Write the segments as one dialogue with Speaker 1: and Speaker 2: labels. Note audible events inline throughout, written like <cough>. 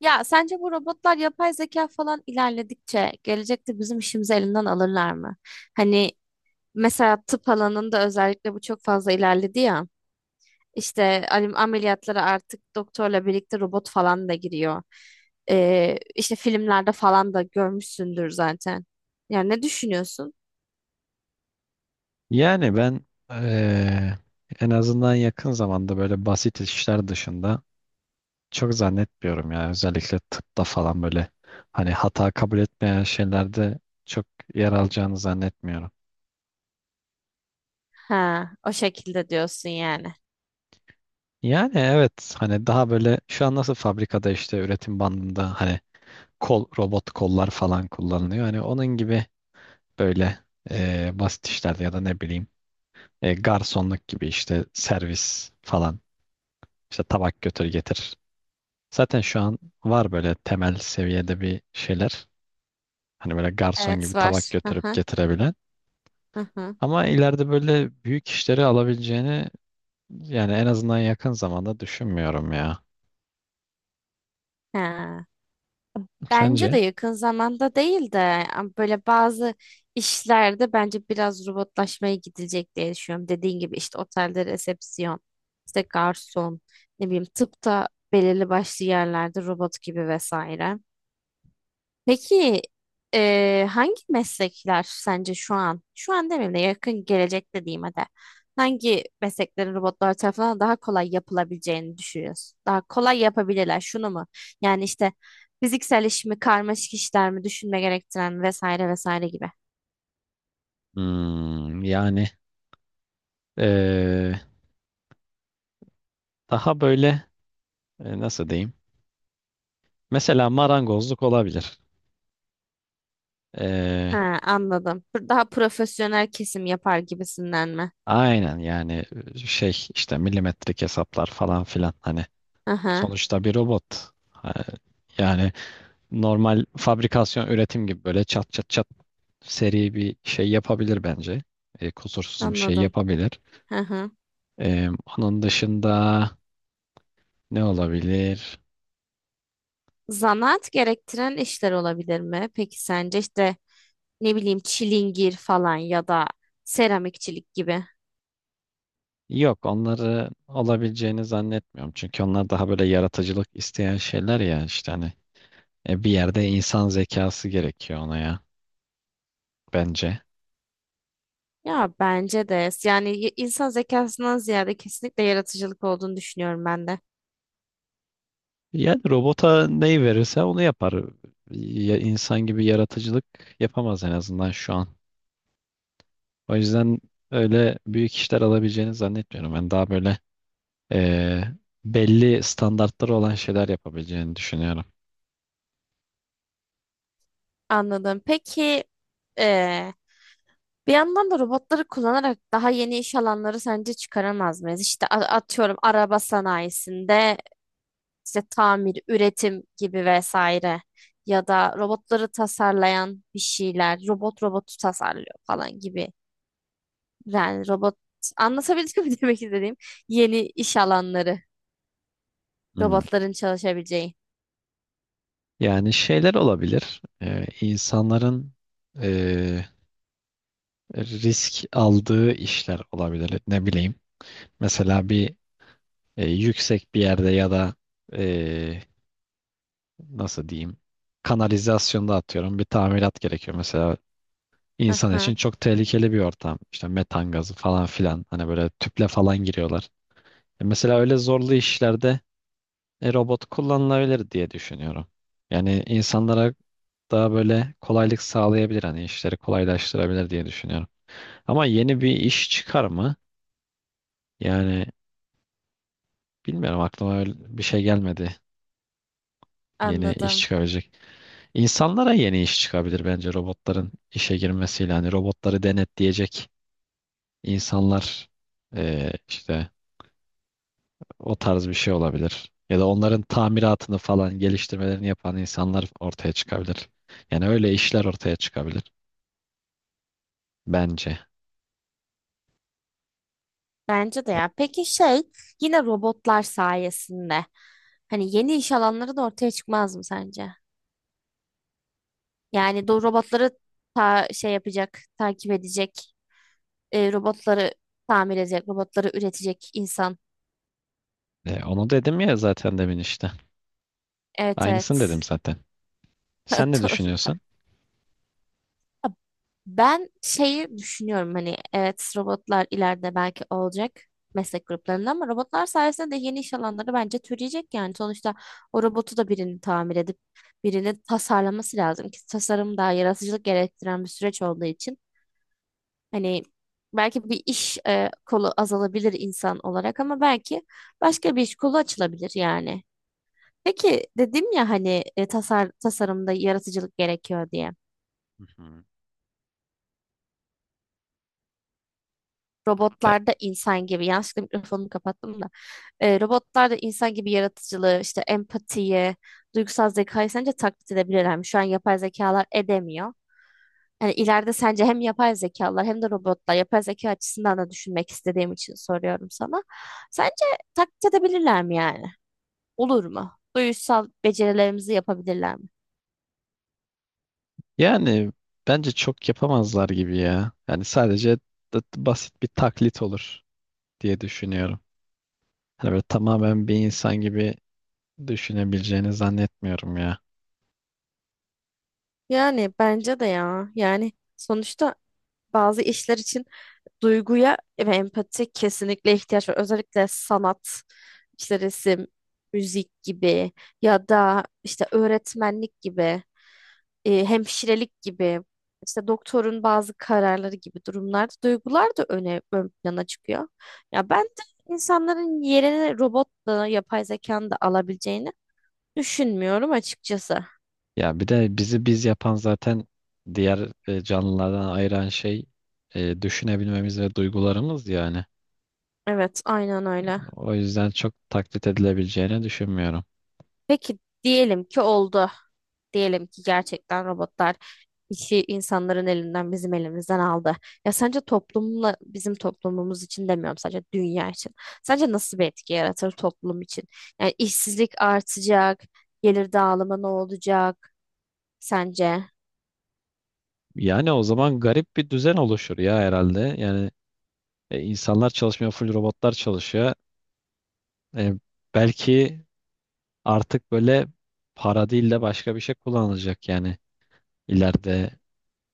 Speaker 1: Ya sence bu robotlar yapay zeka falan ilerledikçe gelecekte bizim işimizi elinden alırlar mı? Hani mesela tıp alanında özellikle bu çok fazla ilerledi ya. İşte ameliyatlara artık doktorla birlikte robot falan da giriyor. İşte filmlerde falan da görmüşsündür zaten. Yani ne düşünüyorsun?
Speaker 2: Yani ben eee, en azından yakın zamanda böyle basit işler dışında çok zannetmiyorum ya. Özellikle tıpta falan böyle hani hata kabul etmeyen şeylerde çok yer alacağını zannetmiyorum.
Speaker 1: Ha, o şekilde diyorsun yani.
Speaker 2: Yani evet hani daha böyle şu an nasıl fabrikada işte üretim bandında hani kol robot kollar falan kullanılıyor. Hani onun gibi böyle basit işlerde ya da ne bileyim garsonluk gibi işte servis falan işte tabak götür getir. Zaten şu an var böyle temel seviyede bir şeyler. Hani böyle garson gibi
Speaker 1: Evet
Speaker 2: tabak
Speaker 1: var. Hı
Speaker 2: götürüp
Speaker 1: hı,
Speaker 2: getirebilen.
Speaker 1: hı hı.
Speaker 2: Ama ileride böyle büyük işleri alabileceğini yani en azından yakın zamanda düşünmüyorum ya.
Speaker 1: Ha.
Speaker 2: Sence?
Speaker 1: Bence de yakın zamanda değil de yani böyle bazı işlerde bence biraz robotlaşmaya gidilecek diye düşünüyorum. Dediğin gibi işte otelde resepsiyon, işte garson, ne bileyim tıpta belirli başlı yerlerde robot gibi vesaire. Peki hangi meslekler sence şu an, şu an demeyeyim de yakın gelecekte diyeyim hadi. Hangi mesleklerin robotlar tarafından daha kolay yapılabileceğini düşünüyorsun? Daha kolay yapabilirler şunu mu? Yani işte fiziksel iş mi, karmaşık işler mi, düşünme gerektiren vesaire vesaire gibi.
Speaker 2: Hmm, yani eee, daha böyle nasıl diyeyim? Mesela marangozluk olabilir. Eee,
Speaker 1: Ha, anladım. Daha profesyonel kesim yapar gibisinden mi?
Speaker 2: aynen yani şey işte milimetrik hesaplar falan filan hani
Speaker 1: Aha,
Speaker 2: sonuçta bir robot. Ha, yani normal fabrikasyon üretim gibi böyle çat çat çat seri bir şey yapabilir bence. E, kusursuz bir şey
Speaker 1: anladım.
Speaker 2: yapabilir.
Speaker 1: Aha.
Speaker 2: E, onun dışında ne olabilir?
Speaker 1: Zanaat gerektiren işler olabilir mi? Peki sence işte ne bileyim çilingir falan ya da seramikçilik gibi.
Speaker 2: Yok onları olabileceğini zannetmiyorum. Çünkü onlar daha böyle yaratıcılık isteyen şeyler ya işte hani bir yerde insan zekası gerekiyor ona ya bence.
Speaker 1: Ya bence de yani insan zekasından ziyade kesinlikle yaratıcılık olduğunu düşünüyorum ben de.
Speaker 2: Yani robota neyi verirse onu yapar. Ya, insan gibi yaratıcılık yapamaz en azından şu an. O yüzden öyle büyük işler alabileceğini zannetmiyorum. Ben daha böyle eee, belli standartları olan şeyler yapabileceğini düşünüyorum.
Speaker 1: Anladım. Peki eee, bir yandan da robotları kullanarak daha yeni iş alanları sence çıkaramaz mıyız? İşte atıyorum araba sanayisinde işte tamir, üretim gibi vesaire ya da robotları tasarlayan bir şeyler, robot robotu tasarlıyor falan gibi. Yani robot anlatabildim mi <laughs> demek istediğim yeni iş alanları
Speaker 2: Hmm.
Speaker 1: robotların çalışabileceği.
Speaker 2: Yani şeyler olabilir. İnsanların eee, risk aldığı işler olabilir. Ne bileyim. Mesela bir yüksek bir yerde ya da nasıl diyeyim kanalizasyonda atıyorum bir tamirat gerekiyor. Mesela insan
Speaker 1: Aha,
Speaker 2: için çok tehlikeli bir ortam. İşte metan gazı falan filan hani böyle tüple falan giriyorlar. E mesela öyle zorlu işlerde robot kullanılabilir diye düşünüyorum. Yani insanlara daha böyle kolaylık sağlayabilir hani işleri kolaylaştırabilir diye düşünüyorum. Ama yeni bir iş çıkar mı? Yani bilmiyorum aklıma öyle bir şey gelmedi. Yeni iş
Speaker 1: anladım.
Speaker 2: çıkabilecek. İnsanlara yeni iş çıkabilir bence robotların işe girmesiyle. Hani robotları denetleyecek insanlar işte o tarz bir şey olabilir. Ya da onların tamiratını falan geliştirmelerini yapan insanlar ortaya çıkabilir. Yani öyle işler ortaya çıkabilir bence.
Speaker 1: Bence de ya. Peki şey, yine robotlar sayesinde hani yeni iş alanları da ortaya çıkmaz mı sence? Yani do robotları ta şey yapacak, takip edecek, robotları tamir edecek, robotları üretecek insan.
Speaker 2: E, onu dedim ya zaten demin işte.
Speaker 1: Evet
Speaker 2: Aynısını
Speaker 1: evet.
Speaker 2: dedim zaten.
Speaker 1: <laughs>
Speaker 2: Sen ne
Speaker 1: Doğru
Speaker 2: düşünüyorsun?
Speaker 1: bak. Ben şeyi düşünüyorum hani evet robotlar ileride belki olacak meslek gruplarında ama robotlar sayesinde de yeni iş alanları bence türeyecek yani sonuçta o robotu da birini tamir edip birini tasarlaması lazım ki tasarım daha yaratıcılık gerektiren bir süreç olduğu için hani belki bir iş kolu azalabilir insan olarak ama belki başka bir iş kolu açılabilir yani. Peki dedim ya hani tasarımda yaratıcılık gerekiyor diye.
Speaker 2: Hı hı. E,
Speaker 1: Robotlarda insan gibi yanlışlıkla mikrofonumu kapattım da robotlarda insan gibi yaratıcılığı işte empatiyi duygusal zekayı sence taklit edebilirler mi? Şu an yapay zekalar edemiyor. Yani ileride sence hem yapay zekalar hem de robotlar yapay zeka açısından da düşünmek istediğim için soruyorum sana. Sence taklit edebilirler mi yani? Olur mu? Duygusal becerilerimizi yapabilirler mi?
Speaker 2: yani bence çok yapamazlar gibi ya. Yani sadece basit bir taklit olur diye düşünüyorum. Hani böyle tamamen bir insan gibi düşünebileceğini zannetmiyorum ya.
Speaker 1: Yani bence de ya. Yani sonuçta bazı işler için duyguya ve empati kesinlikle ihtiyaç var. Özellikle sanat, işte resim, müzik gibi ya da işte öğretmenlik gibi, hemşirelik gibi, işte doktorun bazı kararları gibi durumlarda duygular da ön plana çıkıyor. Ya ben de insanların yerini robotla, yapay zekanın da alabileceğini düşünmüyorum açıkçası.
Speaker 2: Ya bir de bizi biz yapan zaten diğer canlılardan ayıran şey düşünebilmemiz ve duygularımız yani.
Speaker 1: Evet, aynen öyle.
Speaker 2: O yüzden çok taklit edilebileceğini düşünmüyorum.
Speaker 1: Peki diyelim ki oldu. Diyelim ki gerçekten robotlar işi insanların elinden bizim elimizden aldı. Ya sence toplumla bizim toplumumuz için demiyorum sadece dünya için. Sence nasıl bir etki yaratır toplum için? Yani işsizlik artacak, gelir dağılımı ne olacak sence?
Speaker 2: Yani o zaman garip bir düzen oluşur ya herhalde. Yani insanlar çalışmıyor, full robotlar çalışıyor. E, belki artık böyle para değil de başka bir şey kullanılacak yani. İleride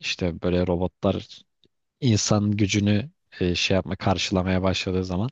Speaker 2: işte böyle robotlar insan gücünü şey yapma, karşılamaya başladığı zaman.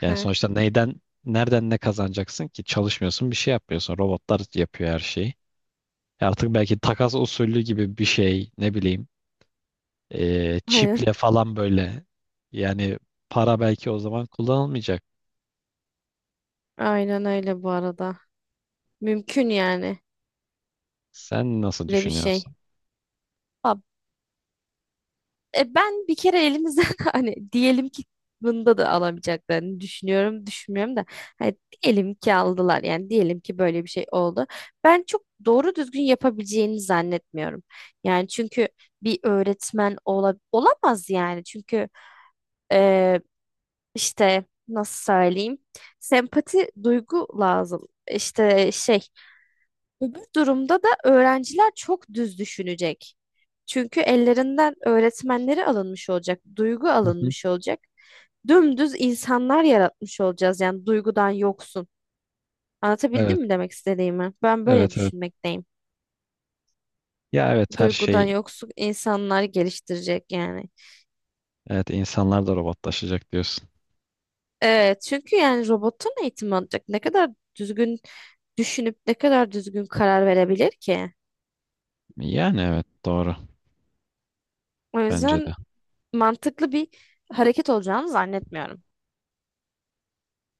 Speaker 2: Yani sonuçta neyden, nereden ne kazanacaksın ki? Çalışmıyorsun, bir şey yapmıyorsun. Robotlar yapıyor her şeyi. E artık belki takas usulü gibi bir şey, ne bileyim.
Speaker 1: Aynen.
Speaker 2: Çiple falan böyle. Yani para belki o zaman kullanılmayacak.
Speaker 1: Aynen öyle bu arada. Mümkün yani
Speaker 2: Sen nasıl
Speaker 1: öyle bir şey.
Speaker 2: düşünüyorsun?
Speaker 1: Ba- E, ben bir kere elimizden <laughs> hani diyelim ki bunda da alamayacaklarını düşünüyorum, düşünmüyorum da hani diyelim ki aldılar yani diyelim ki böyle bir şey oldu. Ben çok doğru düzgün yapabileceğini zannetmiyorum. Yani çünkü bir öğretmen olamaz yani çünkü e, işte nasıl söyleyeyim sempati duygu lazım. İşte şey, öbür durumda da öğrenciler çok düz düşünecek. Çünkü ellerinden öğretmenleri alınmış olacak, duygu
Speaker 2: Hı hı.
Speaker 1: alınmış olacak. Dümdüz insanlar yaratmış olacağız yani duygudan yoksun.
Speaker 2: Evet,
Speaker 1: Anlatabildim mi demek istediğimi? Ben böyle
Speaker 2: evet, evet.
Speaker 1: düşünmekteyim.
Speaker 2: Ya evet her
Speaker 1: Duygudan
Speaker 2: şey,
Speaker 1: yoksun insanlar geliştirecek yani.
Speaker 2: evet insanlar da robotlaşacak diyorsun.
Speaker 1: Evet, çünkü yani robotun eğitim alacak. Ne kadar düzgün düşünüp ne kadar düzgün karar verebilir ki?
Speaker 2: Yani evet doğru
Speaker 1: O
Speaker 2: bence
Speaker 1: yüzden
Speaker 2: de.
Speaker 1: mantıklı bir hareket olacağını zannetmiyorum.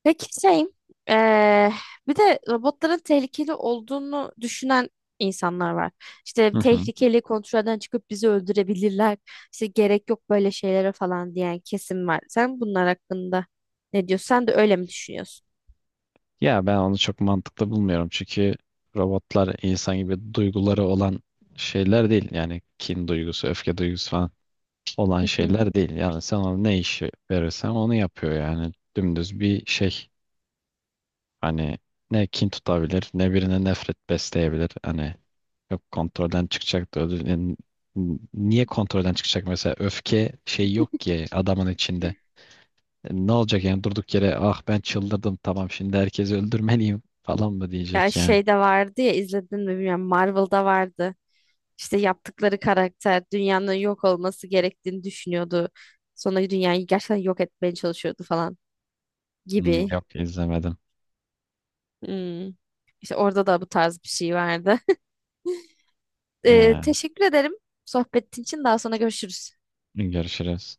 Speaker 1: Peki şey, eee, bir de robotların tehlikeli olduğunu düşünen insanlar var. İşte
Speaker 2: Hı hı.
Speaker 1: tehlikeli kontrolden çıkıp bizi öldürebilirler. İşte gerek yok böyle şeylere falan diyen kesim var. Sen bunlar hakkında ne diyorsun? Sen de öyle mi düşünüyorsun?
Speaker 2: Ya ben onu çok mantıklı bulmuyorum çünkü robotlar insan gibi duyguları olan şeyler değil. Yani kin duygusu, öfke duygusu falan olan
Speaker 1: Hı hı.
Speaker 2: şeyler değil. Yani sen ona ne işi verirsen onu yapıyor yani. Dümdüz bir şey. Hani ne kin tutabilir ne birine nefret besleyebilir. Hani yok kontrolden çıkacak da ödül- yani niye kontrolden çıkacak mesela öfke şey yok ki adamın içinde. E, ne olacak yani durduk yere ah ben çıldırdım tamam şimdi herkesi öldürmeliyim falan mı
Speaker 1: Ya
Speaker 2: diyecek yani.
Speaker 1: şey de vardı ya izledin mi bilmiyorum. Marvel'da vardı. İşte yaptıkları karakter dünyanın yok olması gerektiğini düşünüyordu. Sonra dünyayı gerçekten yok etmeye çalışıyordu falan
Speaker 2: Hmm,
Speaker 1: gibi.
Speaker 2: yok izlemedim.
Speaker 1: Hmm. İşte orada da bu tarz bir şey vardı. <laughs>
Speaker 2: Ee,
Speaker 1: Teşekkür ederim sohbetin için. Daha sonra görüşürüz.
Speaker 2: görüşürüz.